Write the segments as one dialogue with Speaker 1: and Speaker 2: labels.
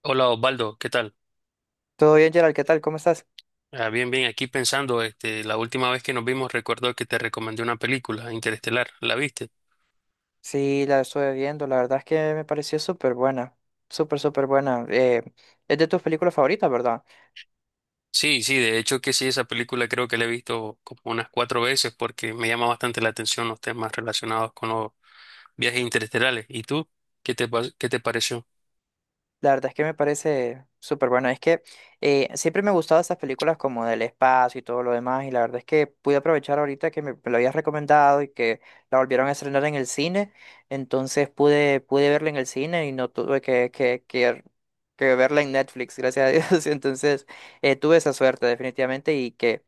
Speaker 1: Hola Osvaldo, ¿qué tal?
Speaker 2: Todo bien, Gerald, ¿qué tal? ¿Cómo estás?
Speaker 1: Bien, bien, aquí pensando, la última vez que nos vimos recuerdo que te recomendé una película, Interestelar, ¿la viste?
Speaker 2: Sí, la estuve viendo, la verdad es que me pareció súper buena, súper buena. Es de tus películas favoritas, ¿verdad?
Speaker 1: Sí, sí, de hecho que sí, esa película creo que la he visto como unas cuatro veces porque me llama bastante la atención los temas relacionados con los viajes interestelares. ¿Y tú? ¿Qué te pareció?
Speaker 2: La verdad es que me parece súper buena. Es que siempre me gustaban esas películas como del espacio y todo lo demás, y la verdad es que pude aprovechar ahorita que me lo habías recomendado y que la volvieron a estrenar en el cine, entonces pude verla en el cine y no tuve que verla en Netflix, gracias a Dios. Entonces tuve esa suerte definitivamente y que...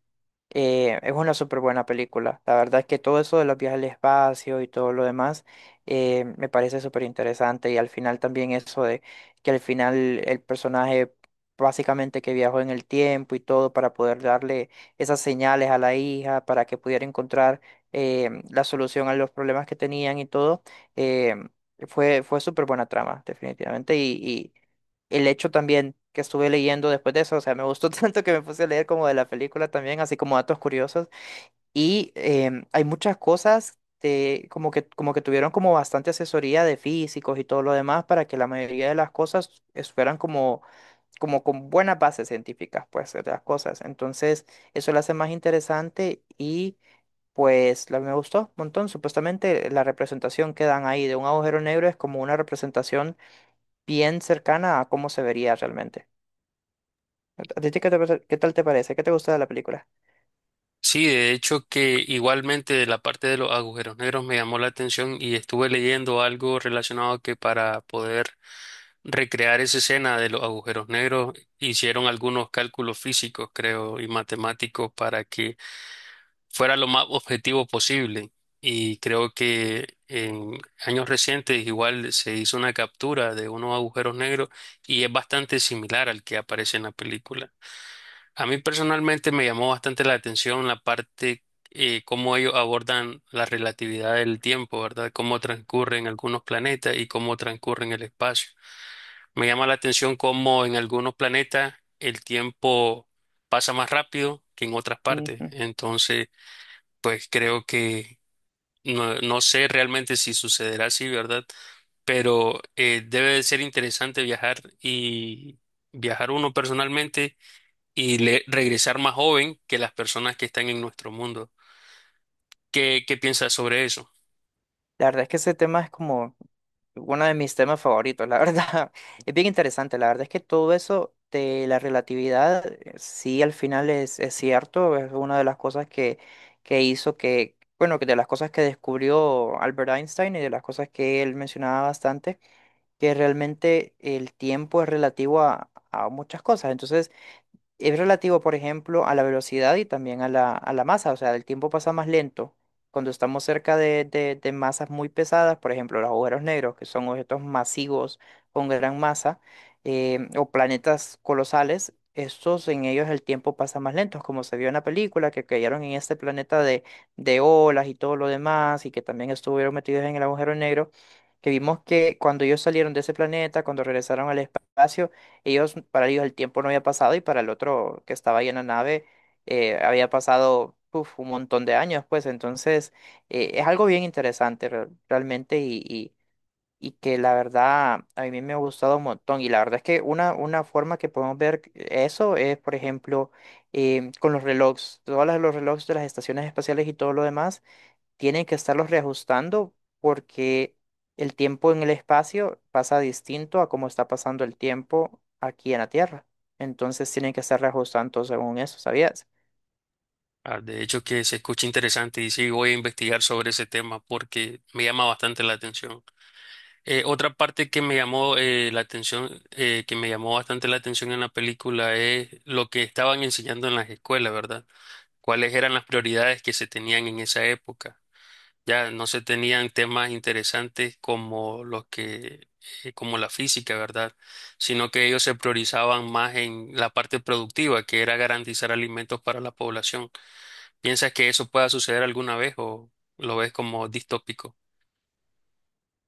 Speaker 2: Es una súper buena película. La verdad es que todo eso de los viajes al espacio y todo lo demás me parece súper interesante. Y al final también eso de que al final el personaje básicamente que viajó en el tiempo y todo para poder darle esas señales a la hija para que pudiera encontrar la solución a los problemas que tenían y todo, eh, fue súper buena trama, definitivamente el hecho también que estuve leyendo después de eso, o sea, me gustó tanto que me puse a leer como de la película también, así como datos curiosos. Y hay muchas cosas de, como que tuvieron como bastante asesoría de físicos y todo lo demás para que la mayoría de las cosas fueran como, como con buenas bases científicas, pues, de las cosas. Entonces, eso lo hace más interesante y me gustó un montón. Supuestamente la representación que dan ahí de un agujero negro es como una representación bien cercana a cómo se vería realmente. ¿A ti qué tal te parece? ¿Qué te gusta de la película?
Speaker 1: Sí, de hecho que igualmente la parte de los agujeros negros me llamó la atención y estuve leyendo algo relacionado que para poder recrear esa escena de los agujeros negros hicieron algunos cálculos físicos, creo, y matemáticos para que fuera lo más objetivo posible. Y creo que en años recientes igual se hizo una captura de unos agujeros negros y es bastante similar al que aparece en la película. A mí personalmente me llamó bastante la atención la parte, cómo ellos abordan la relatividad del tiempo, ¿verdad? Cómo transcurren algunos planetas y cómo transcurren el espacio. Me llama la atención cómo en algunos planetas el tiempo pasa más rápido que en otras partes.
Speaker 2: Ujú.
Speaker 1: Entonces, pues creo que no, no sé realmente si sucederá así, ¿verdad? Pero debe de ser interesante viajar y viajar uno personalmente y regresar más joven que las personas que están en nuestro mundo. ¿Qué, qué piensas sobre eso?
Speaker 2: La verdad es que ese tema es como uno de mis temas favoritos, la verdad. Es bien interesante, la verdad es que todo eso de la relatividad, sí, al final es cierto, es una de las cosas que hizo que, bueno, que de las cosas que descubrió Albert Einstein y de las cosas que él mencionaba bastante, que realmente el tiempo es relativo a muchas cosas. Entonces, es relativo, por ejemplo, a la velocidad y también a a la masa, o sea, el tiempo pasa más lento. Cuando estamos cerca de masas muy pesadas, por ejemplo, los agujeros negros, que son objetos masivos con gran masa, o planetas colosales, estos en ellos el tiempo pasa más lento, como se vio en la película, que cayeron en este planeta de olas y todo lo demás, y que también estuvieron metidos en el agujero negro, que vimos que cuando ellos salieron de ese planeta, cuando regresaron al espacio, para ellos el tiempo no había pasado y para el otro que estaba ahí en la nave había pasado uf, un montón de años, pues entonces es algo bien interesante realmente y que la verdad a mí me ha gustado un montón y la verdad es que una forma que podemos ver eso es, por ejemplo, con los relojes, todos los relojes de las estaciones espaciales y todo lo demás tienen que estarlos reajustando porque el tiempo en el espacio pasa distinto a cómo está pasando el tiempo aquí en la Tierra. Entonces tienen que estar reajustando según eso, ¿sabías?
Speaker 1: De hecho, que se escucha interesante y sí, voy a investigar sobre ese tema porque me llama bastante la atención. Otra parte que me llamó la atención, que me llamó bastante la atención en la película es lo que estaban enseñando en las escuelas, ¿verdad? ¿Cuáles eran las prioridades que se tenían en esa época? Ya no se tenían temas interesantes como los que, como la física, ¿verdad? Sino que ellos se priorizaban más en la parte productiva, que era garantizar alimentos para la población. ¿Piensas que eso pueda suceder alguna vez o lo ves como distópico?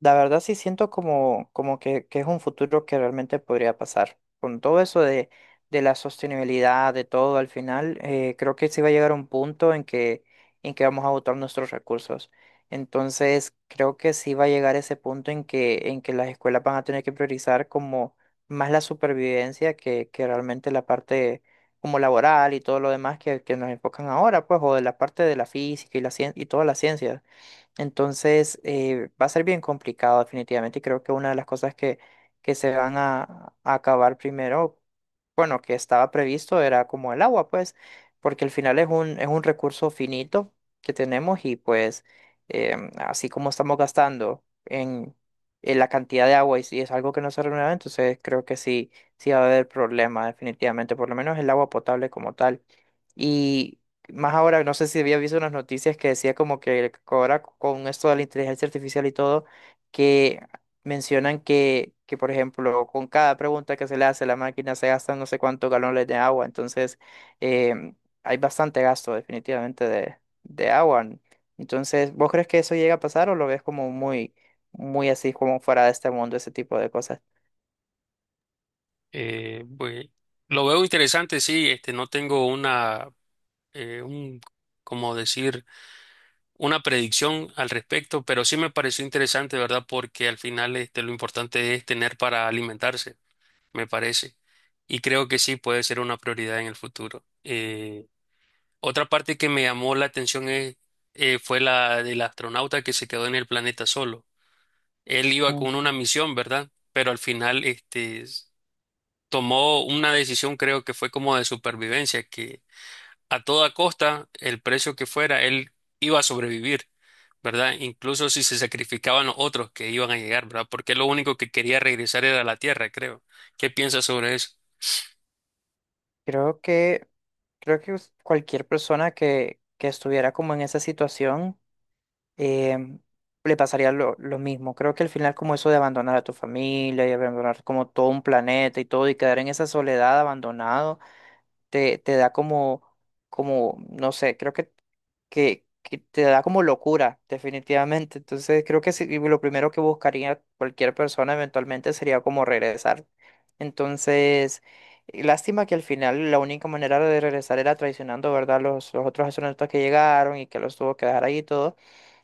Speaker 2: La verdad sí siento como, que es un futuro que realmente podría pasar. Con todo eso de la sostenibilidad, de todo al final, creo que sí va a llegar un punto en que vamos a agotar nuestros recursos. Entonces, creo que sí va a llegar ese punto en que las escuelas van a tener que priorizar como más la supervivencia que realmente la parte como laboral y todo lo demás que nos enfocan ahora, pues, o de la parte de la física y la y todas las ciencias. Entonces, va a ser bien complicado definitivamente y creo que una de las cosas que se van a acabar primero, bueno, que estaba previsto era como el agua, pues, porque al final es un recurso finito que tenemos y pues así como estamos gastando en la cantidad de agua y si es algo que no se renueva, entonces creo que sí, sí va a haber problema definitivamente, por lo menos el agua potable como tal. Y más ahora, no sé si había visto unas noticias que decía como que ahora con esto de la inteligencia artificial y todo, que mencionan que, por ejemplo, con cada pregunta que se le hace a la máquina se gastan no sé cuántos galones de agua. Entonces, eh, hay bastante gasto definitivamente de agua. Entonces, ¿vos crees que eso llega a pasar o lo ves como muy, muy así, como fuera de este mundo, ese tipo de cosas?
Speaker 1: Pues, lo veo interesante, sí, no tengo una, eh, un, como decir, una predicción al respecto, pero sí me pareció interesante, ¿verdad? Porque al final, lo importante es tener para alimentarse. Me parece. Y creo que sí puede ser una prioridad en el futuro. Otra parte que me llamó la atención es, fue la del astronauta que se quedó en el planeta solo. Él iba
Speaker 2: Ujú.
Speaker 1: con una misión, ¿verdad? Pero al final, tomó una decisión, creo que fue como de supervivencia, que a toda costa, el precio que fuera, él iba a sobrevivir, ¿verdad? Incluso si se sacrificaban los otros que iban a llegar, ¿verdad? Porque lo único que quería regresar era a la Tierra, creo. ¿Qué piensas sobre eso?
Speaker 2: Creo que, creo que cualquier persona que estuviera como en esa situación em, le pasaría lo mismo. Creo que al final como eso de abandonar a tu familia y abandonar como todo un planeta y todo y quedar en esa soledad abandonado, te da como, como, no sé, creo que te da como locura, definitivamente. Entonces creo que sí, lo primero que buscaría cualquier persona eventualmente sería como regresar. Entonces, y lástima que al final la única manera de regresar era traicionando, ¿verdad? Los otros astronautas que llegaron y que los tuvo que dejar ahí y todo.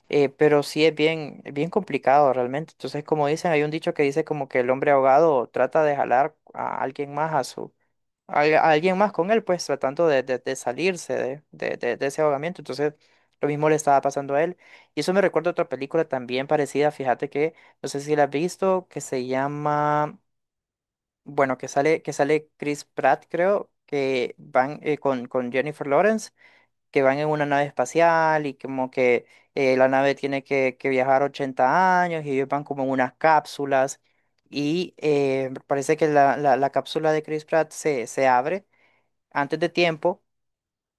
Speaker 2: Pero sí es bien, bien complicado realmente. Entonces, como dicen, hay un dicho que dice como que el hombre ahogado trata de jalar a alguien más a su, a alguien más con él, pues tratando de, de salirse de, de ese ahogamiento. Entonces, lo mismo le estaba pasando a él. Y eso me recuerda a otra película también parecida, fíjate que, no sé si la has visto, que se llama, bueno, que que sale Chris Pratt, creo, que van con Jennifer Lawrence que van en una nave espacial y como que la nave tiene que viajar 80 años y ellos van como en unas cápsulas y parece que la cápsula de Chris Pratt se, se abre antes de tiempo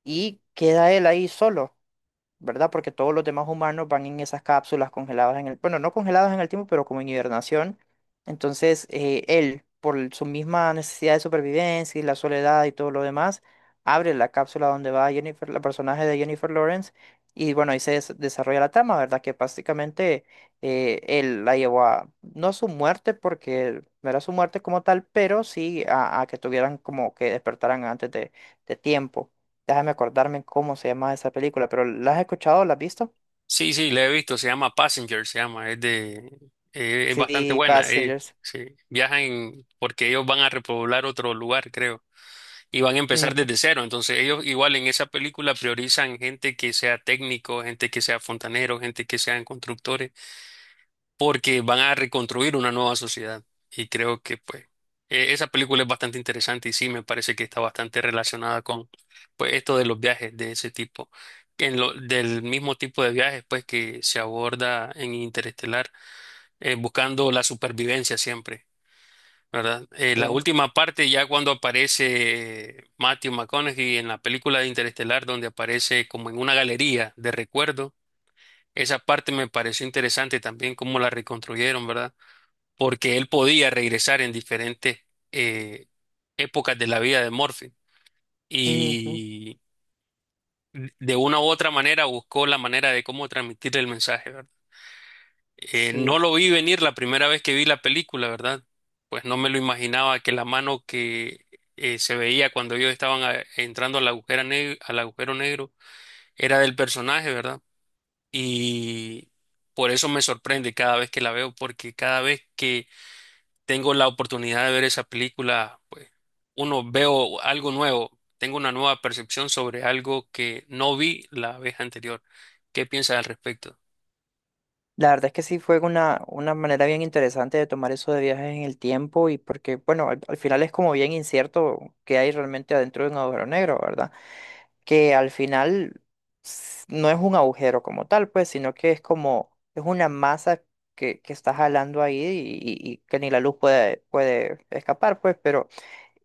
Speaker 2: y queda él ahí solo. ¿Verdad? Porque todos los demás humanos van en esas cápsulas congeladas en el, bueno, no congeladas en el tiempo, pero como en hibernación. Entonces, él, por su misma necesidad de supervivencia y la soledad y todo lo demás, abre la cápsula donde va Jennifer, la personaje de Jennifer Lawrence, y bueno, ahí se desarrolla la trama, ¿verdad? Que básicamente él la llevó a, no a su muerte, porque no era su muerte como tal, pero sí a que tuvieran como que despertaran antes de tiempo. Déjame acordarme cómo se llama esa película, pero ¿la has escuchado? ¿La has visto?
Speaker 1: Sí, sí, la he visto, se llama Passenger, se llama, es de, es bastante
Speaker 2: Sí,
Speaker 1: buena,
Speaker 2: Passengers.
Speaker 1: sí. Porque ellos van a repoblar otro lugar, creo, y van a empezar
Speaker 2: Ujú,
Speaker 1: desde cero, entonces ellos igual en esa película priorizan gente que sea técnico, gente que sea fontanero, gente que sean constructores porque van a reconstruir una nueva sociedad. Y creo que pues esa película es bastante interesante y sí me parece que está bastante relacionada con pues esto de los viajes de ese tipo, que en lo, del mismo tipo de viajes pues que se aborda en Interestelar, buscando la supervivencia siempre. ¿Verdad?
Speaker 2: sí.
Speaker 1: La última parte, ya cuando aparece Matthew McConaughey en la película de Interestelar, donde aparece como en una galería de recuerdo, esa parte me pareció interesante también, cómo la reconstruyeron, ¿verdad? Porque él podía regresar en diferentes eh, épocas de la vida de Morphy
Speaker 2: Ujú,
Speaker 1: y de una u otra manera buscó la manera de cómo transmitirle el mensaje, ¿verdad? No
Speaker 2: sí.
Speaker 1: lo vi venir la primera vez que vi la película, ¿verdad? Pues no me lo imaginaba que la mano que se veía cuando ellos estaban entrando al agujero negro era del personaje, ¿verdad? Y por eso me sorprende cada vez que la veo, porque cada vez que tengo la oportunidad de ver esa película, pues uno veo algo nuevo, tengo una nueva percepción sobre algo que no vi la vez anterior. ¿Qué piensas al respecto?
Speaker 2: La verdad es que sí fue una manera bien interesante de tomar eso de viajes en el tiempo y porque, bueno, al, al final es como bien incierto qué hay realmente adentro de un agujero negro, ¿verdad? Que al final no es un agujero como tal, pues, sino que es como, es una masa que está jalando ahí y, y que ni la luz puede, puede escapar, pues, pero...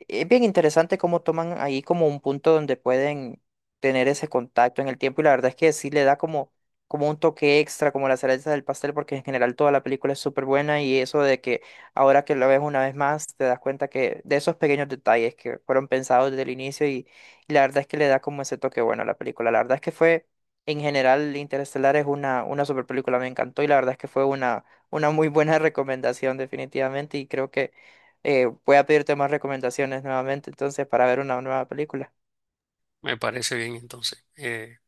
Speaker 2: Es bien interesante cómo toman ahí como un punto donde pueden tener ese contacto en el tiempo y la verdad es que sí le da como, como un toque extra, como la cereza del pastel, porque en general toda la película es súper buena y eso de que ahora que la ves una vez más te das cuenta que de esos pequeños detalles que fueron pensados desde el inicio y la verdad es que le da como ese toque bueno a la película. La verdad es que fue, en general, Interestelar es una super película, me encantó y la verdad es que fue una muy buena recomendación definitivamente y creo que voy a pedirte más recomendaciones nuevamente, entonces, para ver una nueva película.
Speaker 1: Me parece bien entonces.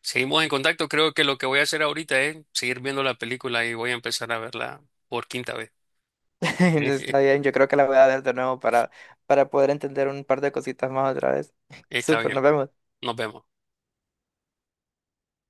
Speaker 1: Seguimos en contacto, creo que lo que voy a hacer ahorita es seguir viendo la película y voy a empezar a verla por quinta vez.
Speaker 2: Entonces, está bien, yo creo que la voy a ver de nuevo para poder entender un par de cositas más otra vez.
Speaker 1: Está
Speaker 2: Súper,
Speaker 1: bien,
Speaker 2: nos vemos.
Speaker 1: nos vemos.